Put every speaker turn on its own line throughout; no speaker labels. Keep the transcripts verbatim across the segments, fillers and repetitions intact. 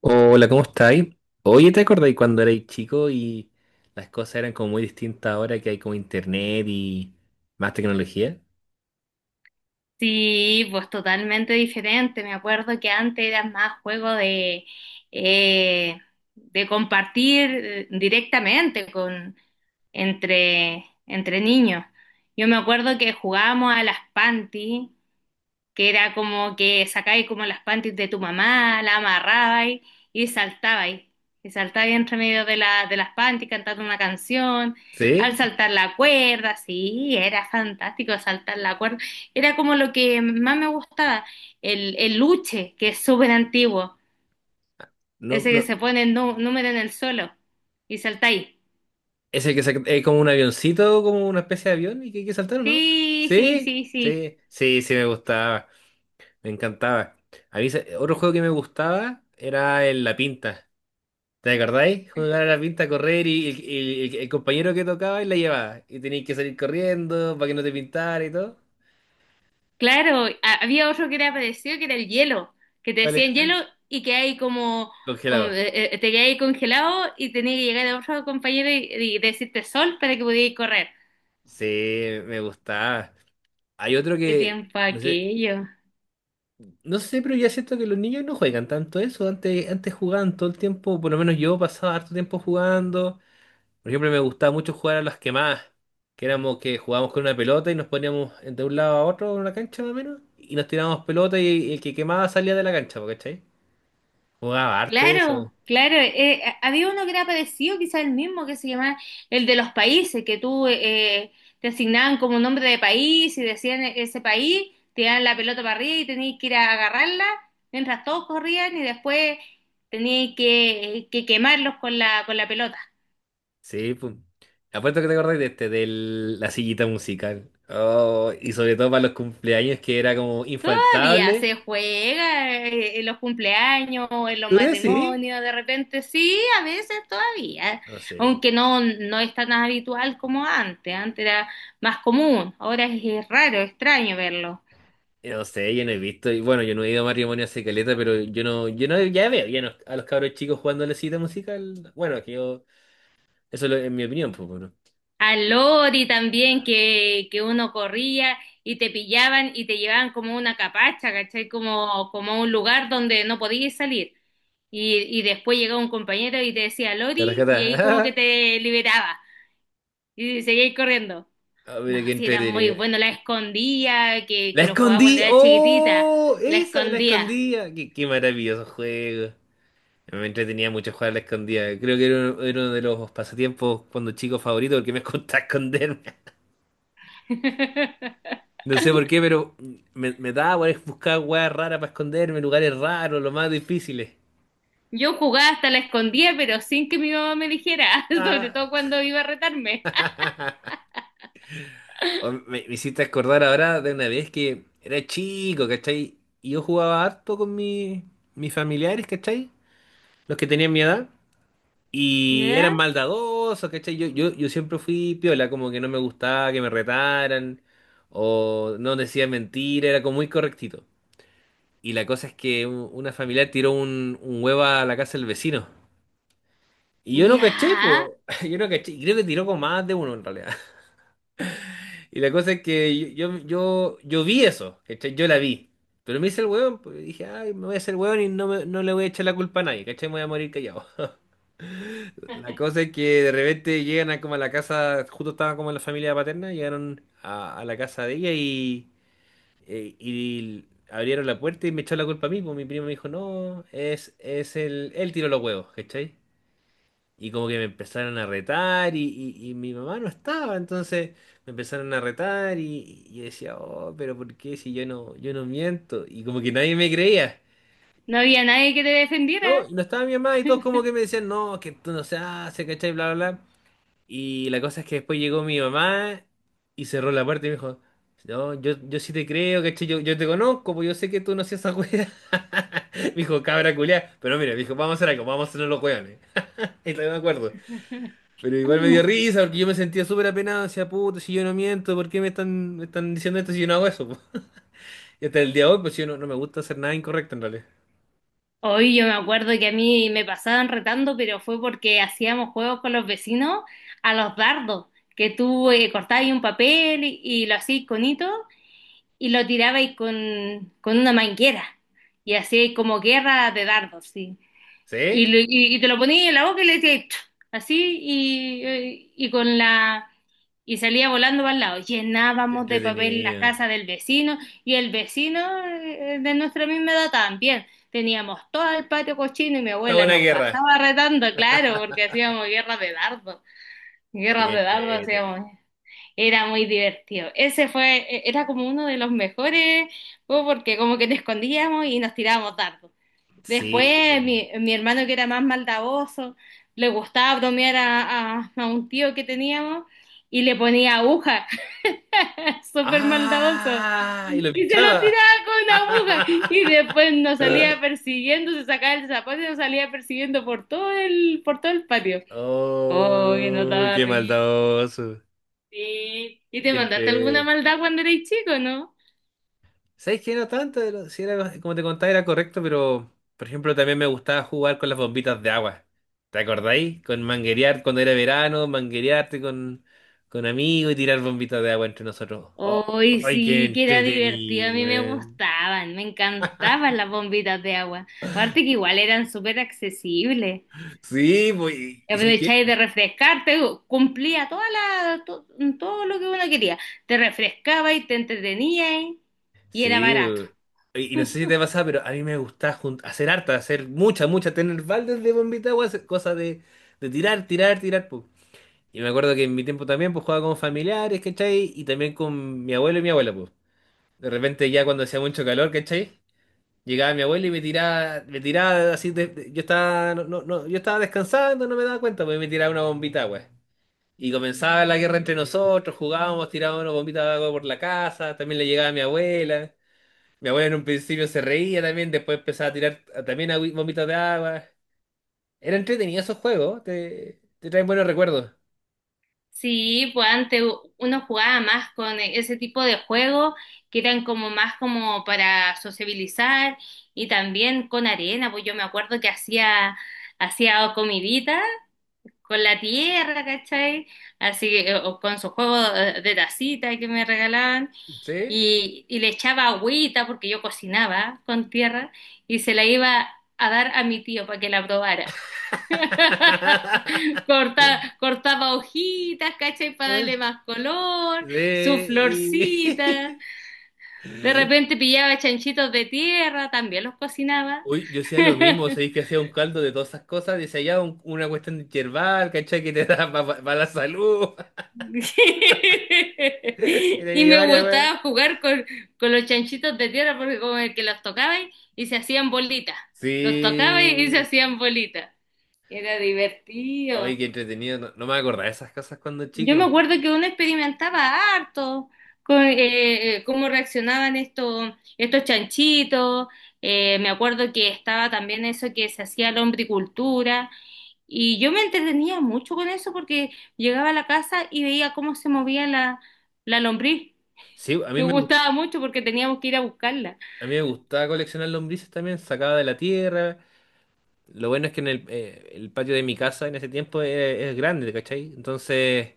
Hola, ¿cómo estáis? Oye, ¿te acordáis cuando erais chico y las cosas eran como muy distintas ahora que hay como internet y más tecnología?
Sí, pues totalmente diferente. Me acuerdo que antes era más juego de, eh, de compartir eh, directamente con, entre, entre niños. Yo me acuerdo que jugábamos a las panties, que era como que sacabais como las panties de tu mamá, la amarrabais y saltabais. Y saltabais entre medio de, la, de las panties cantando una canción, al
¿Sí?
saltar la cuerda, sí, era fantástico saltar la cuerda. Era como lo que más me gustaba, el, el luche, que es súper antiguo,
No,
ese que
no.
se pone el nú- número en el suelo y saltáis.
¿Es el que se- es como un avioncito, como una especie de avión y que hay que saltar, o no?
Sí, sí,
¿Sí?
sí, sí.
Sí, sí, sí, me gustaba, me encantaba. A mí se- otro juego que me gustaba era el La Pinta. ¿Te acordáis? Jugar a la pinta, correr y el, el- el- el compañero que tocaba y la llevaba. Y tenías que salir corriendo para que no te pintara y todo.
Claro, ha- había otro que era parecido, que era el hielo, que te
¿Cuál es
decían hielo
ese?
y que hay como, como,
Congelado.
eh, eh, te quedabas ahí congelado y tenías que llegar a otro compañero y, y decirte sol para que pudieras correr.
Sí, me gustaba. Hay otro
Qué
que,
tiempo
no sé,
aquello.
no sé, pero ya siento que los niños no juegan tanto eso. Antes, antes jugaban todo el tiempo, por lo menos yo pasaba harto tiempo jugando. Por ejemplo, me gustaba mucho jugar a las quemadas, que éramos que jugábamos con una pelota y nos poníamos de un lado a otro en una cancha más o menos, y nos tirábamos pelota y el que quemaba salía de la cancha, ¿po? ¿Cachai? Jugaba harto eso.
Claro, claro. Eh, a- había uno que era parecido, quizá el mismo, que se llamaba el de los países, que tú eh, te asignaban como un nombre de país y decían e- ese país, te daban la pelota para arriba y tenías que ir a agarrarla mientras todos corrían y después tenías que, que quemarlos con la, con la pelota.
Sí, pues. Apuesto que te acordás de este, de la sillita musical. Oh, y sobre todo para los cumpleaños que era como
Todavía
infaltable.
se juega eh, en los cumpleaños, en los
¿Tú decís?
matrimonios, de repente sí, a veces todavía,
No sé.
aunque no, no es tan habitual como antes, antes era más común, ahora es, es raro, extraño verlo.
No sé, yo no he visto. Y bueno, yo no he ido a matrimonio hace caleta, pero yo no, yo no, ya veo ya no- a los cabros chicos jugando a la sillita musical. Bueno, es que yo, eso es lo- en mi opinión, pues bueno.
Al lori también que, que uno corría y te pillaban y te llevaban como una capacha, ¿cachai? Como, como a un lugar donde no podías salir. Y, y después llegaba un compañero y te decía
La
Lori y ahí como que
rescata.
te liberaba y seguías corriendo.
Ah,
No,
mira qué
sí, era muy
entretenido.
bueno. La escondía, que,
¡La
que lo jugaba cuando
escondí!
era chiquitita.
¡Oh!
La
Esa, la
escondía.
escondía. Qué, qué maravilloso juego. Me entretenía mucho jugar a la escondida. Creo que era uno, era uno de los pasatiempos cuando chico favorito porque me costaba esconderme. No sé por qué, pero me, me daba por buscar weas raras para esconderme, lugares raros, los más difíciles.
Yo jugaba hasta la escondía, pero sin que mi mamá me dijera, sobre
Ah.
todo cuando iba a retarme.
O Me, me hiciste acordar ahora de una vez que era chico, ¿cachai? Y yo jugaba harto con mi- mis familiares, ¿cachai? Los que tenían mi edad. Y eran
¿Ya?
maldadosos, ¿cachai? Yo, yo, yo siempre fui piola, como que no me gustaba que me retaran o no decía mentira, era como muy correctito. Y la cosa es que un- una familiar tiró un, un huevo a la casa del vecino. Y yo no
Ya.
caché, po. Yo no caché. Y creo que tiró con más de uno en realidad. Y la cosa es que yo, yo, yo, yo vi eso, ¿cachai? Yo la vi. Pero me hice el hueón, pues, y dije, ay, me voy a hacer hueón y no, me- no le voy a echar la culpa a nadie, ¿cachai? Me voy a morir callado. La cosa es que de repente llegan a como a la casa, justo estaba como en la familia paterna, llegaron a, a la casa de ella y, eh, y abrieron la puerta y me echó la culpa a mí, pues mi primo me dijo, no, es, es el, él tiró los huevos, ¿cachai? Y como que me empezaron a retar y, y- y mi mamá no estaba, entonces me empezaron a retar y, y yo decía, oh, pero ¿por qué si yo no, yo no miento? Y como que nadie me creía.
No había nadie que te
No,
defendiera.
y no estaba mi mamá y todos como que me decían, no, que tú no se hace, ¿cachai? Bla, bla, bla. Y la cosa es que después llegó mi mamá y cerró la puerta y me dijo, no, yo, yo sí te creo, ¿cachai? Yo, yo te conozco, pues yo sé que tú no hacías esa wea. Me dijo, cabra culiá. Pero mira, me dijo, vamos a hacer algo, vamos a hacer los weones. Y todavía me acuerdo. Pero igual me dio
Mm.
risa porque yo me sentía súper apenado, decía, puto, si yo no miento, ¿por qué me están, me están diciendo esto si yo no hago eso? ¿Po? Y hasta el día de hoy, pues yo no, no me gusta hacer nada incorrecto en realidad.
Hoy yo me acuerdo que a mí me pasaban retando, pero fue porque hacíamos juegos con los vecinos a los dardos, que tú eh, cortabas ahí un papel y, y lo hacías con hito y lo tirabais con, con una manguera y hacíais como guerra de dardos, sí. Y,
¿Sí?
lo- y- y te lo ponías en la boca y le decías "Chu", así y, eh, y con la y salía volando para el lado.
Qué
Llenábamos de papel la
entretenido.
casa del vecino y el vecino eh, de nuestra misma edad también. Teníamos todo el patio cochino y mi
Está
abuela
buena
nos
guerra.
pasaba retando, claro, porque hacíamos guerras de dardos.
Ah, qué
Guerras de dardos
entrete.
hacíamos. Era muy divertido. Ese fue, e- era como uno de los mejores juegos porque como que nos escondíamos y nos tirábamos dardos.
Sí.
Después mi, mi hermano, que era más maldadoso, le gustaba bromear a, a- a un tío que teníamos y le ponía aguja, súper maldadoso.
¡Ah! Y lo
Y se lo
pinchaba.
tiraba con una aguja y después nos salía persiguiendo, se sacaba el zapato y nos salía persiguiendo por todo el, por todo el patio. Oh, que nos
¡Oh!
daba
¡Qué
risa.
maldadoso!
Sí. ¿Y te mandaste alguna
Entre...
maldad cuando erais chico, no?
¿Sabes qué? No tanto, pero sí era- como te contaba, era correcto, pero por ejemplo también me gustaba jugar con las bombitas de agua. ¿Te acordáis? Con manguerear cuando era verano, manguerearte con, con amigos y tirar bombitas de agua entre nosotros. ¡Oh!
Hoy
¡Ay, qué
sí, que era divertido, a
entretenido,
mí me
man!
gustaban, me encantaban las bombitas de agua. Aparte que igual eran súper accesibles.
Sí, pues, ¿y sabes qué?
Aprovecháis de refrescarte, cumplía toda la, to- todo lo que uno quería. Te refrescaba y te entretenías y era
Sí,
barato.
eh, y y no sé si te pasa, pero a mí me gusta jun- hacer harta, hacer mucha, mucha, tener baldes de bombita, agua, hacer cosas de, de tirar, tirar, tirar, pues. Y me acuerdo que en mi tiempo también, pues, jugaba con familiares, ¿cachai? Y también con mi abuelo y mi abuela, pues. De repente ya cuando hacía mucho calor, ¿cachai? Llegaba mi abuelo y me tiraba, me tiraba así, de- de- yo estaba, no, no, no, yo estaba descansando, no me daba cuenta, pues, y me tiraba una bombita, de agua. Y comenzaba la guerra entre nosotros, jugábamos, tirábamos una bombita de agua por la casa, también le llegaba a mi abuela. Mi abuela en un principio se reía también, después empezaba a tirar a- también agüi- bombitas de agua. Era entretenido esos juegos, te, te traen buenos recuerdos.
Sí, pues antes uno jugaba más con e-, ese tipo de juegos, que eran como más como para sociabilizar, y también con arena, pues yo me acuerdo que hacía, hacía comidita con la tierra, ¿cachai? Así que, eh, o con su juego eh, de tacita que me regalaban,
¿Sí?
y, y le echaba agüita porque yo cocinaba con tierra y se la iba a dar a mi tío para que la probara. Corta, cortaba hojitas, ¿cachai? Para
¿Eh?
darle más
Sí.
color, su florcita.
Y
De repente pillaba chanchitos de tierra, también los cocinaba.
Uy, yo hacía lo mismo, o sea, que hacía un caldo de todas esas cosas, decía ya un- una cuestión yerbal, ¿cachai? Que te da para la salud. Y tenía
Y
yo
me
varias, weón.
gustaba jugar con, con los chanchitos de tierra, porque como el que los tocaba y, y se hacían bolitas. Los tocaba y, y se
Sí.
hacían bolitas. Era
Oye,
divertido.
qué entretenido. No, no me acordaba de esas cosas cuando
Yo me
chico.
acuerdo que uno experimentaba harto con eh, eh, cómo reaccionaban estos, estos chanchitos. Eh, me acuerdo que estaba también eso que se hacía la hombricultura. Y yo me entretenía mucho con eso porque llegaba a la casa y veía cómo se movía la, la lombriz.
Sí, a mí
Me
me gustaba.
gustaba mucho porque teníamos que ir a buscarla.
A mí me gustaba coleccionar lombrices también, sacaba de la tierra. Lo bueno es que en el, eh, el patio de mi casa en ese tiempo es, es grande, ¿cachai? Entonces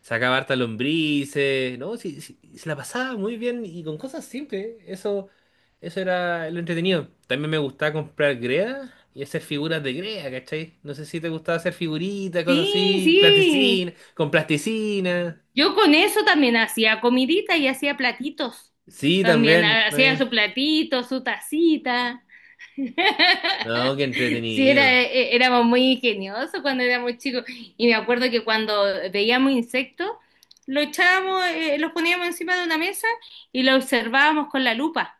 sacaba harta lombrices, ¿no? Sí, sí, se la pasaba muy bien y con cosas simples. Eso, eso era lo entretenido. También me gustaba comprar greda y hacer figuras de greda, ¿cachai? No sé si te gustaba hacer figuritas, cosas
Sí,
así,
sí.
plasticina, con plasticina.
Yo con eso también hacía comidita y hacía platitos.
Sí,
También
también,
hacía
también.
su platito, su tacita.
No, qué
Sí, era,
entretenido.
eh, éramos muy ingeniosos cuando éramos chicos. Y me acuerdo que cuando veíamos insectos, los echábamos, eh, los poníamos encima de una mesa y los observábamos con la lupa.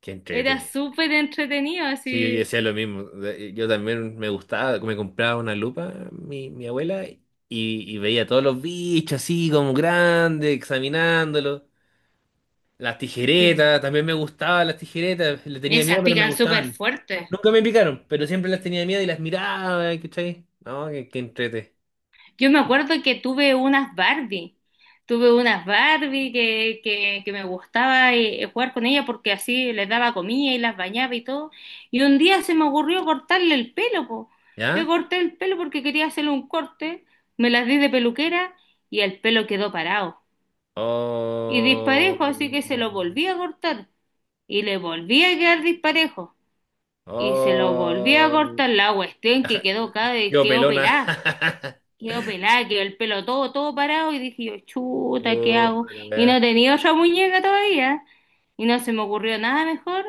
Qué
Era
entrete.
súper entretenido,
Sí, yo yo
así.
decía lo mismo. De- eh, Yo también me gustaba, me compraba una lupa, mi, mi abuela, y, y veía todos los bichos así como grandes, examinándolos. Las
Mm.
tijeretas, también me gustaban las tijeretas, le tenía miedo,
Esas
pero me
pican súper
gustaban.
fuerte.
Nunca me picaron, pero siempre las tenía miedo y las miraba, ¿cachai? No, que, que entrete.
Yo me acuerdo que tuve unas Barbie, tuve unas Barbie que, que, que me gustaba eh, jugar con ellas, porque así les daba comida y las bañaba y todo. Y un día se me ocurrió cortarle el pelo, po. Le
¿Ya?
corté el pelo porque quería hacerle un corte, me las di de peluquera y el pelo quedó parado. Y
Oh.
disparejo, así que se lo volví a cortar y le volví a quedar disparejo. Y se lo volví a
Oh.
cortar la cuestión, que quedó cada
Qué
quedó
pelona.
pelada. Quedó pelada, quedó el pelo todo, todo parado, y dije yo, chuta, ¿qué
Oh.
hago? Y no tenía otra muñeca todavía. Y no se me ocurrió nada mejor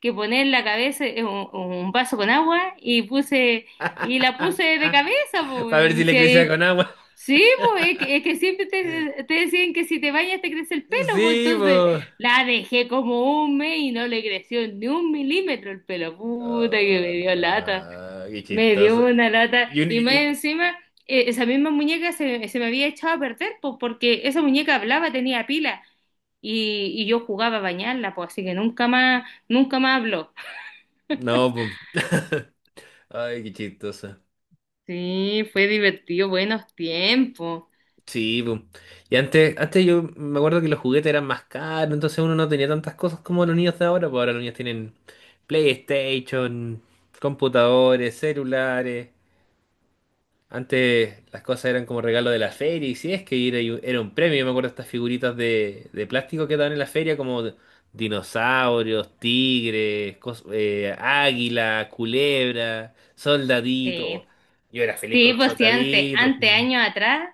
que poner la cabeza en un, un vaso con agua y puse, y la puse de cabeza,
Para ver si
pues.
le crecía
Sí,
con agua.
sí, pues, es que, es que siempre te, te decían que si te bañas te crece el pelo, pues
Sí,
entonces
pues.
la dejé como un mes y no le creció ni un milímetro el pelo. Puta que me dio lata.
Qué
Me dio
chistoso.
una lata
Y un- y-
y más
y-
encima eh, esa misma muñeca se, se me había echado a perder, pues, porque esa muñeca hablaba, tenía pila, y, y yo jugaba a bañarla, pues, así que nunca más, nunca más habló.
no, pues. Ay, qué chistoso.
Sí, fue divertido, buenos tiempos.
Sí, pues. Y, antes, antes, yo me acuerdo que los juguetes eran más caros, entonces uno no tenía tantas cosas como los niños de ahora, pues ahora los niños tienen PlayStation, computadores, celulares. Antes las cosas eran como regalo de la feria, y si es que era, era un premio, yo me acuerdo de estas figuritas de, de plástico que daban en la feria, como dinosaurios, tigres, cos- eh, águila, culebra,
Sí,
soldaditos. Yo era feliz con
sí,
los
pues sí, antes,
soldaditos.
antes,
Mm.
años atrás,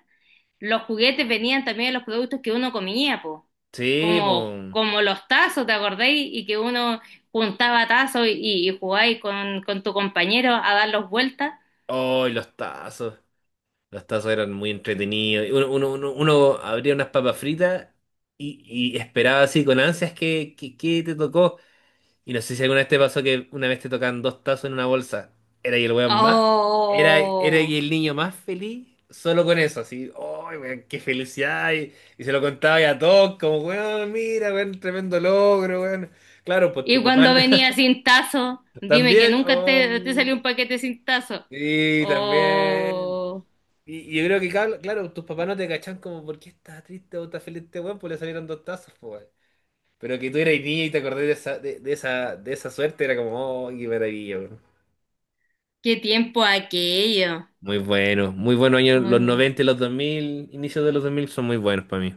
los juguetes venían también de los productos que uno comía, pues,
Sí,
como,
pues.
como los tazos, ¿te acordáis? Y que uno juntaba tazos y, y jugaba ahí con, con tu compañero a darlos vueltas.
Oh, y los tazos. Los tazos eran muy entretenidos. Uno, uno, uno, uno abría unas papas fritas y, y esperaba así con ansias que, que, que te tocó. Y no sé si alguna vez te pasó que una vez te tocan dos tazos en una bolsa. Era y el weón más. Era, era y
Oh,
el niño más feliz solo con eso, así. ¡Ay, weón, qué felicidad! Y, y se lo contaba a todos, como, weón, mira, weón, tremendo logro, weón. Claro, pues tu
y
papá
cuando
no-
venía sin tazo, dime que
también.
nunca te, te
Oh,
salió un paquete sin tazo.
sí, también.
Oh,
Y, y yo creo que, cabl- claro, tus papás no te cachan como, ¿por qué estás triste o estás feliz este weón? Pues le salieron dos tazos, pues, weón. Pero que tú eras niño y te acordás de esa, de, de esa, de esa suerte, era como, oh, qué maravilla.
qué tiempo aquello.
Muy bueno, muy buenos años,
Muy
los
bueno.
noventa y los dos mil, inicios de los dos mil, son muy buenos para mí.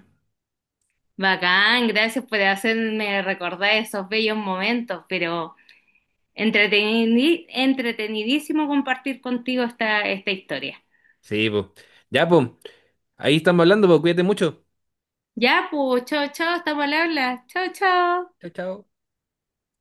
Bacán, gracias por hacerme recordar esos bellos momentos, pero entreteni- entretenidísimo compartir contigo esta, esta historia.
Sí, pues. Ya, pues, ahí estamos hablando, pues, cuídate mucho.
Ya, pues, chao, chao, estamos al habla. Chao, chao.
Chao, chao.